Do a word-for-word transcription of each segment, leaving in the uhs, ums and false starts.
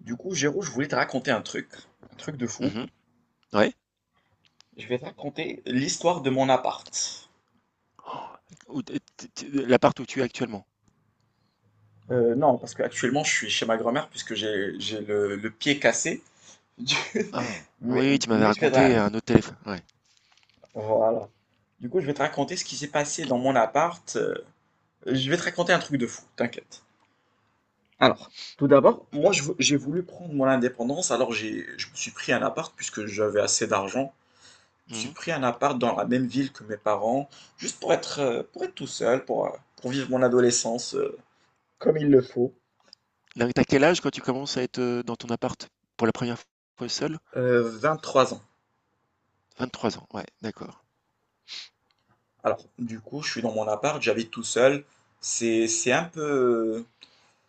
Du coup, Géraud, je voulais te raconter un truc, un truc de fou. Mmh Ouais. Je vais te raconter l'histoire de mon appart. Où t t t l'appart où tu es actuellement? Euh, non, parce qu'actuellement, je suis chez ma grand-mère puisque j'ai j'ai le, le pied cassé. Du- Ah, Mais, oui, tu m'avais mais je vais te... raconté ra- un autre téléphone, ouais. Voilà. Du coup, je vais te raconter ce qui s'est passé dans mon appart. euh, Je vais te raconter un truc de fou, t'inquiète. Alors, tout d'abord, moi, je vou- j'ai voulu prendre mon indépendance, alors j'ai, je me suis pris un appart puisque j'avais assez d'argent. J'ai Mmh pris un appart dans la même ville que mes parents, juste pour être, euh, pour être tout seul, pour, euh, pour vivre mon adolescence, euh, comme il le faut. Là, tu quel âge quand tu commences à être, heu, dans ton appart pour la première fois seul? Euh, trois ans. Vingt-trois ans, ouais, d'accord. Alors, du coup, je suis dans mon appart, j'habite tout seul. C'est, c'est un peu,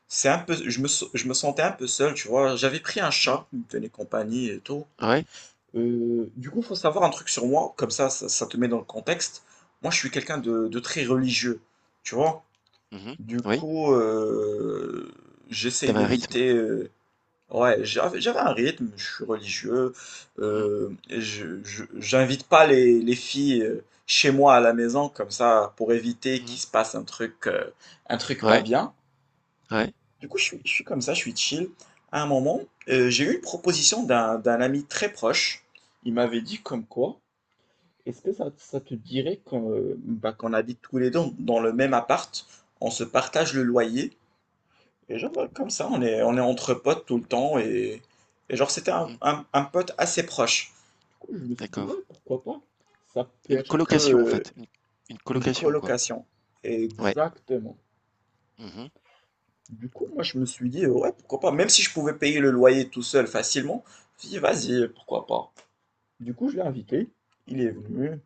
c'est un peu, je me, so- je me sentais un peu seul, tu vois. J'avais pris un Mmh. chat, il me tenait compagnie et tout. Ouais. Euh, du coup, faut savoir un truc sur moi, comme ça, ça, ça te met dans le contexte. Moi, je suis quelqu'un de, de très religieux, tu vois. Mmh Du Oui, coup, euh, j'essaye t'avais un rythme. d'éviter. euh, Ouais, j'avais j'avais un rythme, je suis religieux, Mmh. euh, je, je- j'invite pas les, les filles, euh, chez moi à la maison comme ça pour éviter qu'il Mmh se passe un truc, euh, un truc pas Ouais, bien. ouais. Du coup, je suis, je suis comme ça, je suis chill. À un moment, euh, j'ai eu une proposition d'un, d'un ami très proche. Il m'avait dit comme quoi, est-ce que ça, ça te dirait qu'on euh, bah, qu'on habite tous les deux dans le même appart, on se partage le loyer, et genre, ouais, comme ça, on est, on est entre potes tout le temps. Et, et genre, c'était un, Mmh. un- un pote assez proche. Du coup, je me suis dit, D'accord. ouais, pourquoi pas? Ça peut Une être que, colocation, en euh, fait, une une une colocation, quoi? colocation. Ouais. Exactement. Mmh Du coup, moi, je me suis dit, euh, ouais, pourquoi pas? Même si je pouvais payer le loyer tout seul facilement, je me suis dit, vas-y, pourquoi pas? Du coup, je l'ai invité. Il est venu.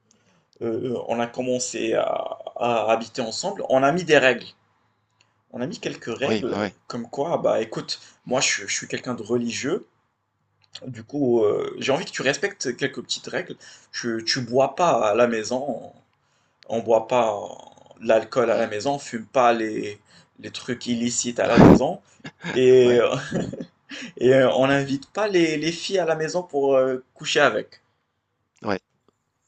Euh, on a commencé à, à habiter ensemble. On a mis des règles. On a mis quelques Oui, ouais, règles, ouais. comme quoi, bah écoute, moi je, je suis quelqu'un de religieux. Du coup, heu, j'ai envie que tu respectes quelques petites règles. Tu tu bois pas à la maison, on boit pas, heu, l'alcool à la maison, on fume pas les les trucs illicites à la maison et Ouais, heu et heu, on n'invite pas les les filles à la maison pour, heu, coucher avec. ouais, ouais,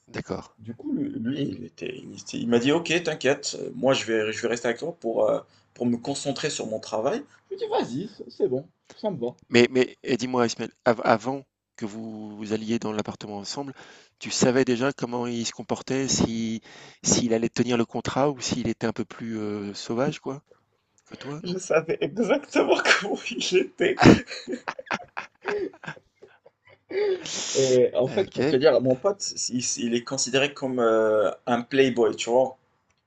d'accord. Du coup, lui lui, il était il était il m'a dit: «OK, t'inquiète, moi je vais je vais rester avec toi pour, heu, pour me concentrer sur mon travail». Je lui ai dit: «Vas-y, c'est bon, ça me va». Mais mais et dis-moi Ismaël, av avant que vous vous alliez dans l'appartement ensemble, tu savais déjà comment il se comportait, si s'il allait tenir le contrat ou s'il était un peu plus euh, sauvage quoi que toi, Je non? savais exactement comment il était. Et en fait, Ok. pour te dire, mon pote, il, il est considéré comme, euh, un playboy, tu vois.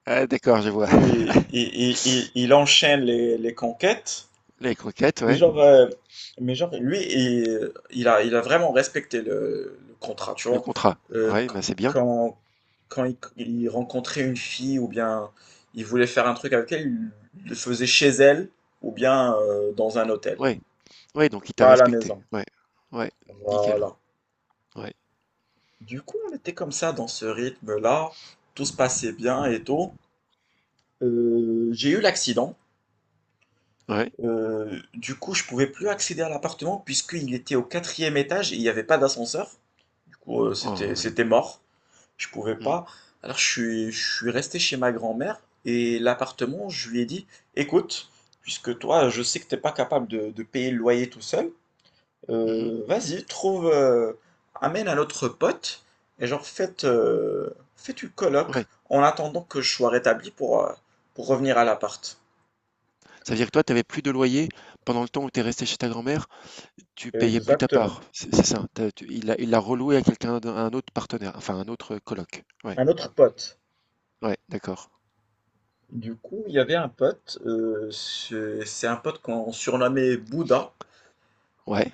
Ah, d'accord, je Du vois. coup, il, il, il- il il enchaîne les, les conquêtes. Les croquettes, Mais ouais. genre, euh, mais genre lui, il, il a, il a vraiment respecté le, le contrat, tu Le vois. contrat, Euh, ouais, qu- bah c'est bien. quand quand il, il rencontrait une fille ou bien il voulait faire un truc avec elle, il le faisait chez elle ou bien, euh, dans un hôtel, Ouais, ouais, donc il t'a pas à la respecté. maison. Ouais, ouais, nickel. Voilà. Ouais, Du coup, on était comme ça dans ce rythme-là, tout se passait bien et tout. Euh, j'ai eu l'accident. ouais. Euh, du coup, je pouvais plus accéder à l'appartement puisqu'il était au quatrième étage et il n'y avait pas d'ascenseur. Du coup, euh, c'était Oh, ouais. c'était mort. Je pouvais Mhm, pas. Alors, je suis, je suis resté chez ma grand-mère et l'appartement, je lui ai dit, écoute, puisque toi, je sais que t'es pas capable de, de payer le loyer tout seul. mhm, Euh, vas-y, trouve, euh, amène un autre pote et genre faites, euh, faites une colloque ouais. en attendant que je sois rétabli pour, euh, pour revenir à l'appart. Ça veut dire que toi, t'avais plus de loyer pendant le temps où t'es resté chez ta grand-mère? Tu payais plus ta part, Exactement. c'est c'est ça. T'as- tu- il l'a il l'a reloué à quelqu'un, d'un- à un autre partenaire, enfin un autre coloc. Ouais, Un autre pote. ouais, d'accord. Du coup, il y avait un pote, euh, c'est c'est un pote qu'on surnommait Bouddha. Ouais.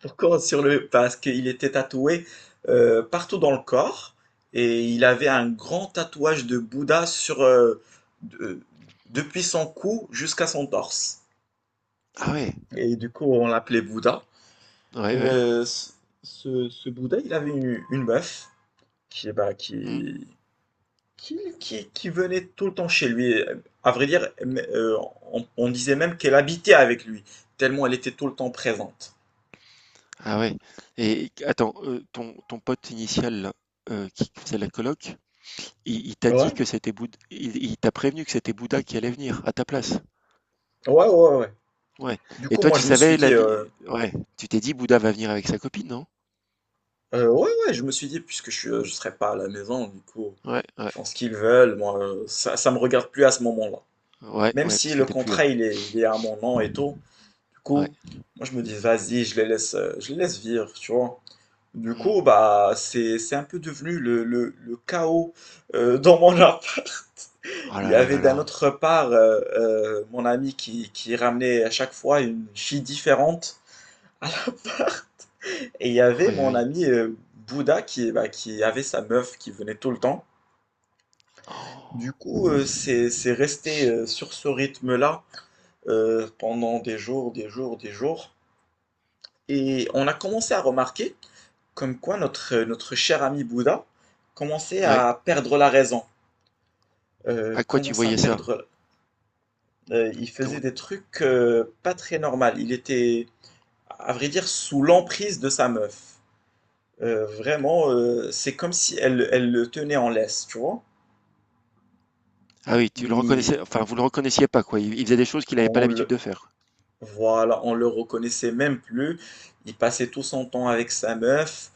Pourquoi on surnommait? Parce qu'il était tatoué, euh, partout dans le corps, et il avait un grand tatouage de Bouddha sur, euh, de- depuis son cou jusqu'à son torse. Ah ouais, Et du coup, on l'appelait Bouddha. ouais, ouais. Euh, ce, ce- Bouddha, il avait une, une meuf qui, bah, Mhm. qui, qui, qui- qui venait tout le temps chez lui. À vrai dire, euh, on, on disait même qu'elle habitait avec lui, tellement elle était tout le temps présente. Ah ouais. Et attends, euh, ton, ton pote initial là, euh, qui faisait la coloc, il, il t'a dit Ouais, que c'était Bouddha, il, il t'a prévenu que c'était Bouddha qui allait venir à ta place. ouais, ouais, ouais. Ouais. Du Et coup, toi, moi, tu je me suis savais la dit, euh, vie. Ouais. Tu t'es dit Bouddha va venir avec sa copine, non? euh, ouais, ouais, je me suis dit, puisque je ne serai pas à la maison, du coup, Ouais, ils ouais, font ce qu'ils veulent, moi, euh, ça, ça me regarde plus à ce moment-là. ouais, Même ouais, si parce que le t'es plus contrat, là. il est, il est à mon nom et tout. Du Ouais. coup, moi je me dis, vas-y, je les laisse, euh, je les laisse vivre, tu vois. Du Mhm. coup, bah, c'est, c'est un peu devenu le, le- le chaos, euh, dans mon appart. Oh Il y là là avait là d'un là. autre part, euh, euh, mon ami qui, qui ramenait à chaque fois une fille différente à l'appart. Et il y avait Aïe mon aïe. ami, euh, Bouddha, qui, bah, qui avait sa meuf qui venait tout le temps. Du Oh. coup, euh, c'est, c'est resté, euh, sur ce rythme-là, euh, pendant des jours, des jours, des jours. Et on a commencé à remarquer comme quoi notre, notre cher ami Bouddha commençait Ouais. à perdre la raison. Euh, À quoi tu Commençait à voyais ça? perdre. Euh, il faisait Comment? des trucs, euh, pas très normaux. Il était, à vrai dire, sous l'emprise de sa meuf. Euh, vraiment, euh, c'est comme si elle, elle le tenait en laisse, tu vois. Ah oui, tu le Il- reconnaissais enfin, vous le reconnaissiez pas, quoi. Il il faisait des choses qu'il n'avait pas l'habitude on, de faire. Voilà, on le reconnaissait même plus. Il passait tout son temps avec sa meuf.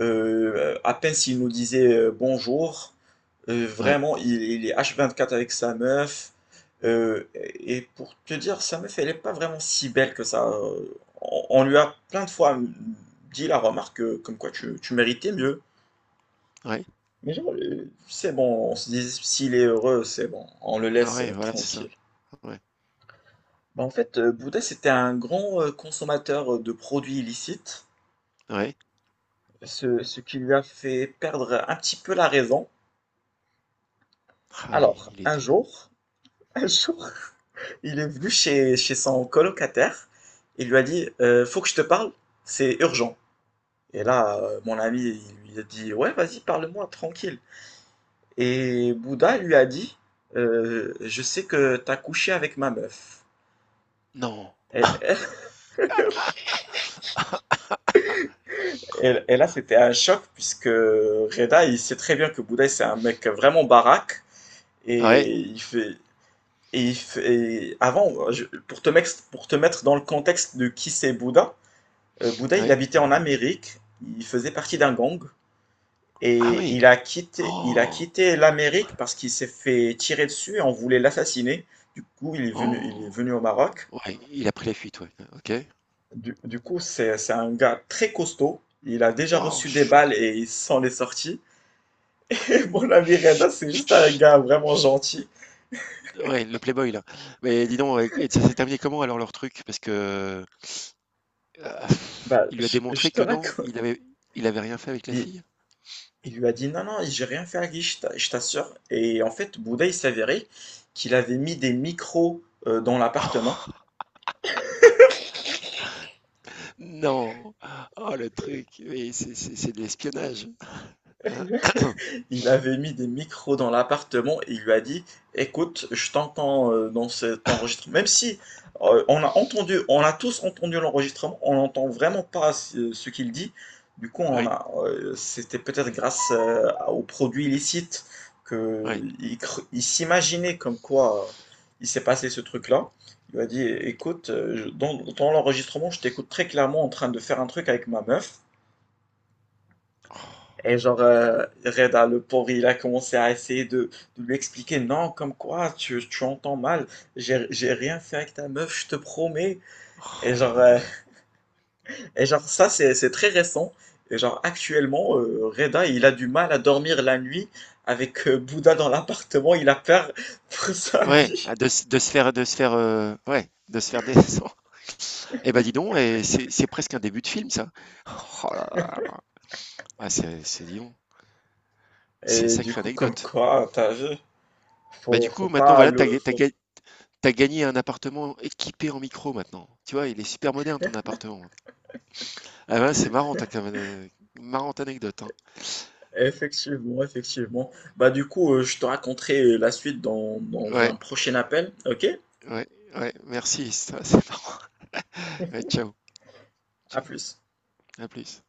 Euh, à peine s'il nous disait, euh, bonjour, euh, Ouais, vraiment, il, il est h vingt-quatre avec sa meuf. Euh, et pour te dire, sa meuf, elle n'est pas vraiment si belle que ça. Euh, On, on lui a plein de fois dit la remarque que, comme quoi tu, tu méritais mieux. ouais. Mais genre, euh, c'est bon, on se dit, s'il est heureux, c'est bon, on le Ah laisse, ouais, euh, voilà, c'est ça. tranquille. Ouais, Bah, en fait, euh, Bouddha, c'était un grand, euh, consommateur, euh, de produits illicites, ouais. ce, ce qui lui a fait perdre un petit peu la raison. Ah oui, Alors, il un était jour, un jour, il est venu chez, chez, son colocataire, il lui a dit, Euh, faut que je te parle, c'est urgent. Et là, euh, mon ami, il lui a dit, ouais, vas-y, parle-moi, tranquille. Et Bouddha lui a dit, Euh, je sais que t'as couché avec ma meuf. non! Et- Et, et là, c'était un choc puisque Reda, il sait très bien que Bouddha, c'est un mec vraiment baraque. Ah Et ouais? il fait. Et, il fait- et avant, je- pour te, mex- pour te mettre dans le contexte de qui c'est Bouddha, euh, Bouddha, il Oui? habitait en Amérique, il faisait partie d'un gang, Ah et oui! il a quitté, il a Oh! quitté l'Amérique parce qu'il s'est fait tirer dessus et on voulait l'assassiner. Du coup, il est venu, il est Oh! venu au Maroc. Ouais, il a pris la fuite, ouais. OK. Du, du coup, c'est, c'est un gars très costaud, il a déjà Waouh, reçu des chaud! balles et il s'en est sorti. Mon ami Chut. Reda, c'est juste un Chut. gars vraiment gentil. Ouais, le playboy, là. Mais dis donc, et et ça s'est terminé comment alors leur truc? Parce que, heu, Bah, il lui a je, je démontré te que non, raconte. il avait il avait rien fait avec la Il, fille? il lui a dit non, non, j'ai rien fait à Guy, je t'a- je t'assure. Et en fait, Bouddha, il s'avérait qu'il avait mis des micros, euh, dans l'appartement. Non! Oh le truc, oui, c'est c'est c'est de l'espionnage. Il avait mis des micros dans l'appartement et il lui a dit, écoute, je t'entends, euh, dans cet enregistrement. Même si, euh, on a entendu, on a tous entendu l'enregistrement, on n'entend vraiment pas ce ce qu'il dit. Du coup, on Oui, a, euh, c'était peut-être grâce, euh, aux produits illicites oui. qu'il il s'imaginait comme quoi, euh, il s'est passé ce truc-là. Il lui a dit, écoute, euh, je- dans, dans, l'enregistrement, je t'écoute très clairement en train de faire un truc avec ma meuf. Et genre, euh, Red le pauvre, il a commencé à essayer de, de lui expliquer, non, comme quoi, tu, tu entends mal, j'ai j'ai rien fait avec ta meuf, je te promets. Oh Et là genre, là là euh, là. et genre ça, c'est c'est très récent. Et genre, actuellement, euh, Reda, il a du mal à dormir la nuit avec, euh, Bouddha dans l'appartement, il a peur pour sa Ouais, vie. ah de se de se faire de se faire, heu, ouais, de se faire descendre. Eh ben, dis donc, et c'est c'est presque un début de film, ça. Oh là là là. Ah, c'est c'est dis donc, c'est une Et du sacrée coup, comme anecdote. quoi, t'as vu, Bah, du faut, faut coup, maintenant, pas voilà, le... t'as ga tu Faut... ga tu gagné un appartement équipé en micro maintenant. Tu vois, il est super moderne ton appartement. Ah ben c'est marrant, tu quand même, heu, marrante anecdote, hein. Effectivement, effectivement. Bah du coup, euh, je te raconterai la suite dans, dans, Ouais, un prochain appel, ok? ouais, ouais, merci, ça c'est marrant. Ouais, ciao, À ciao. plus. À plus.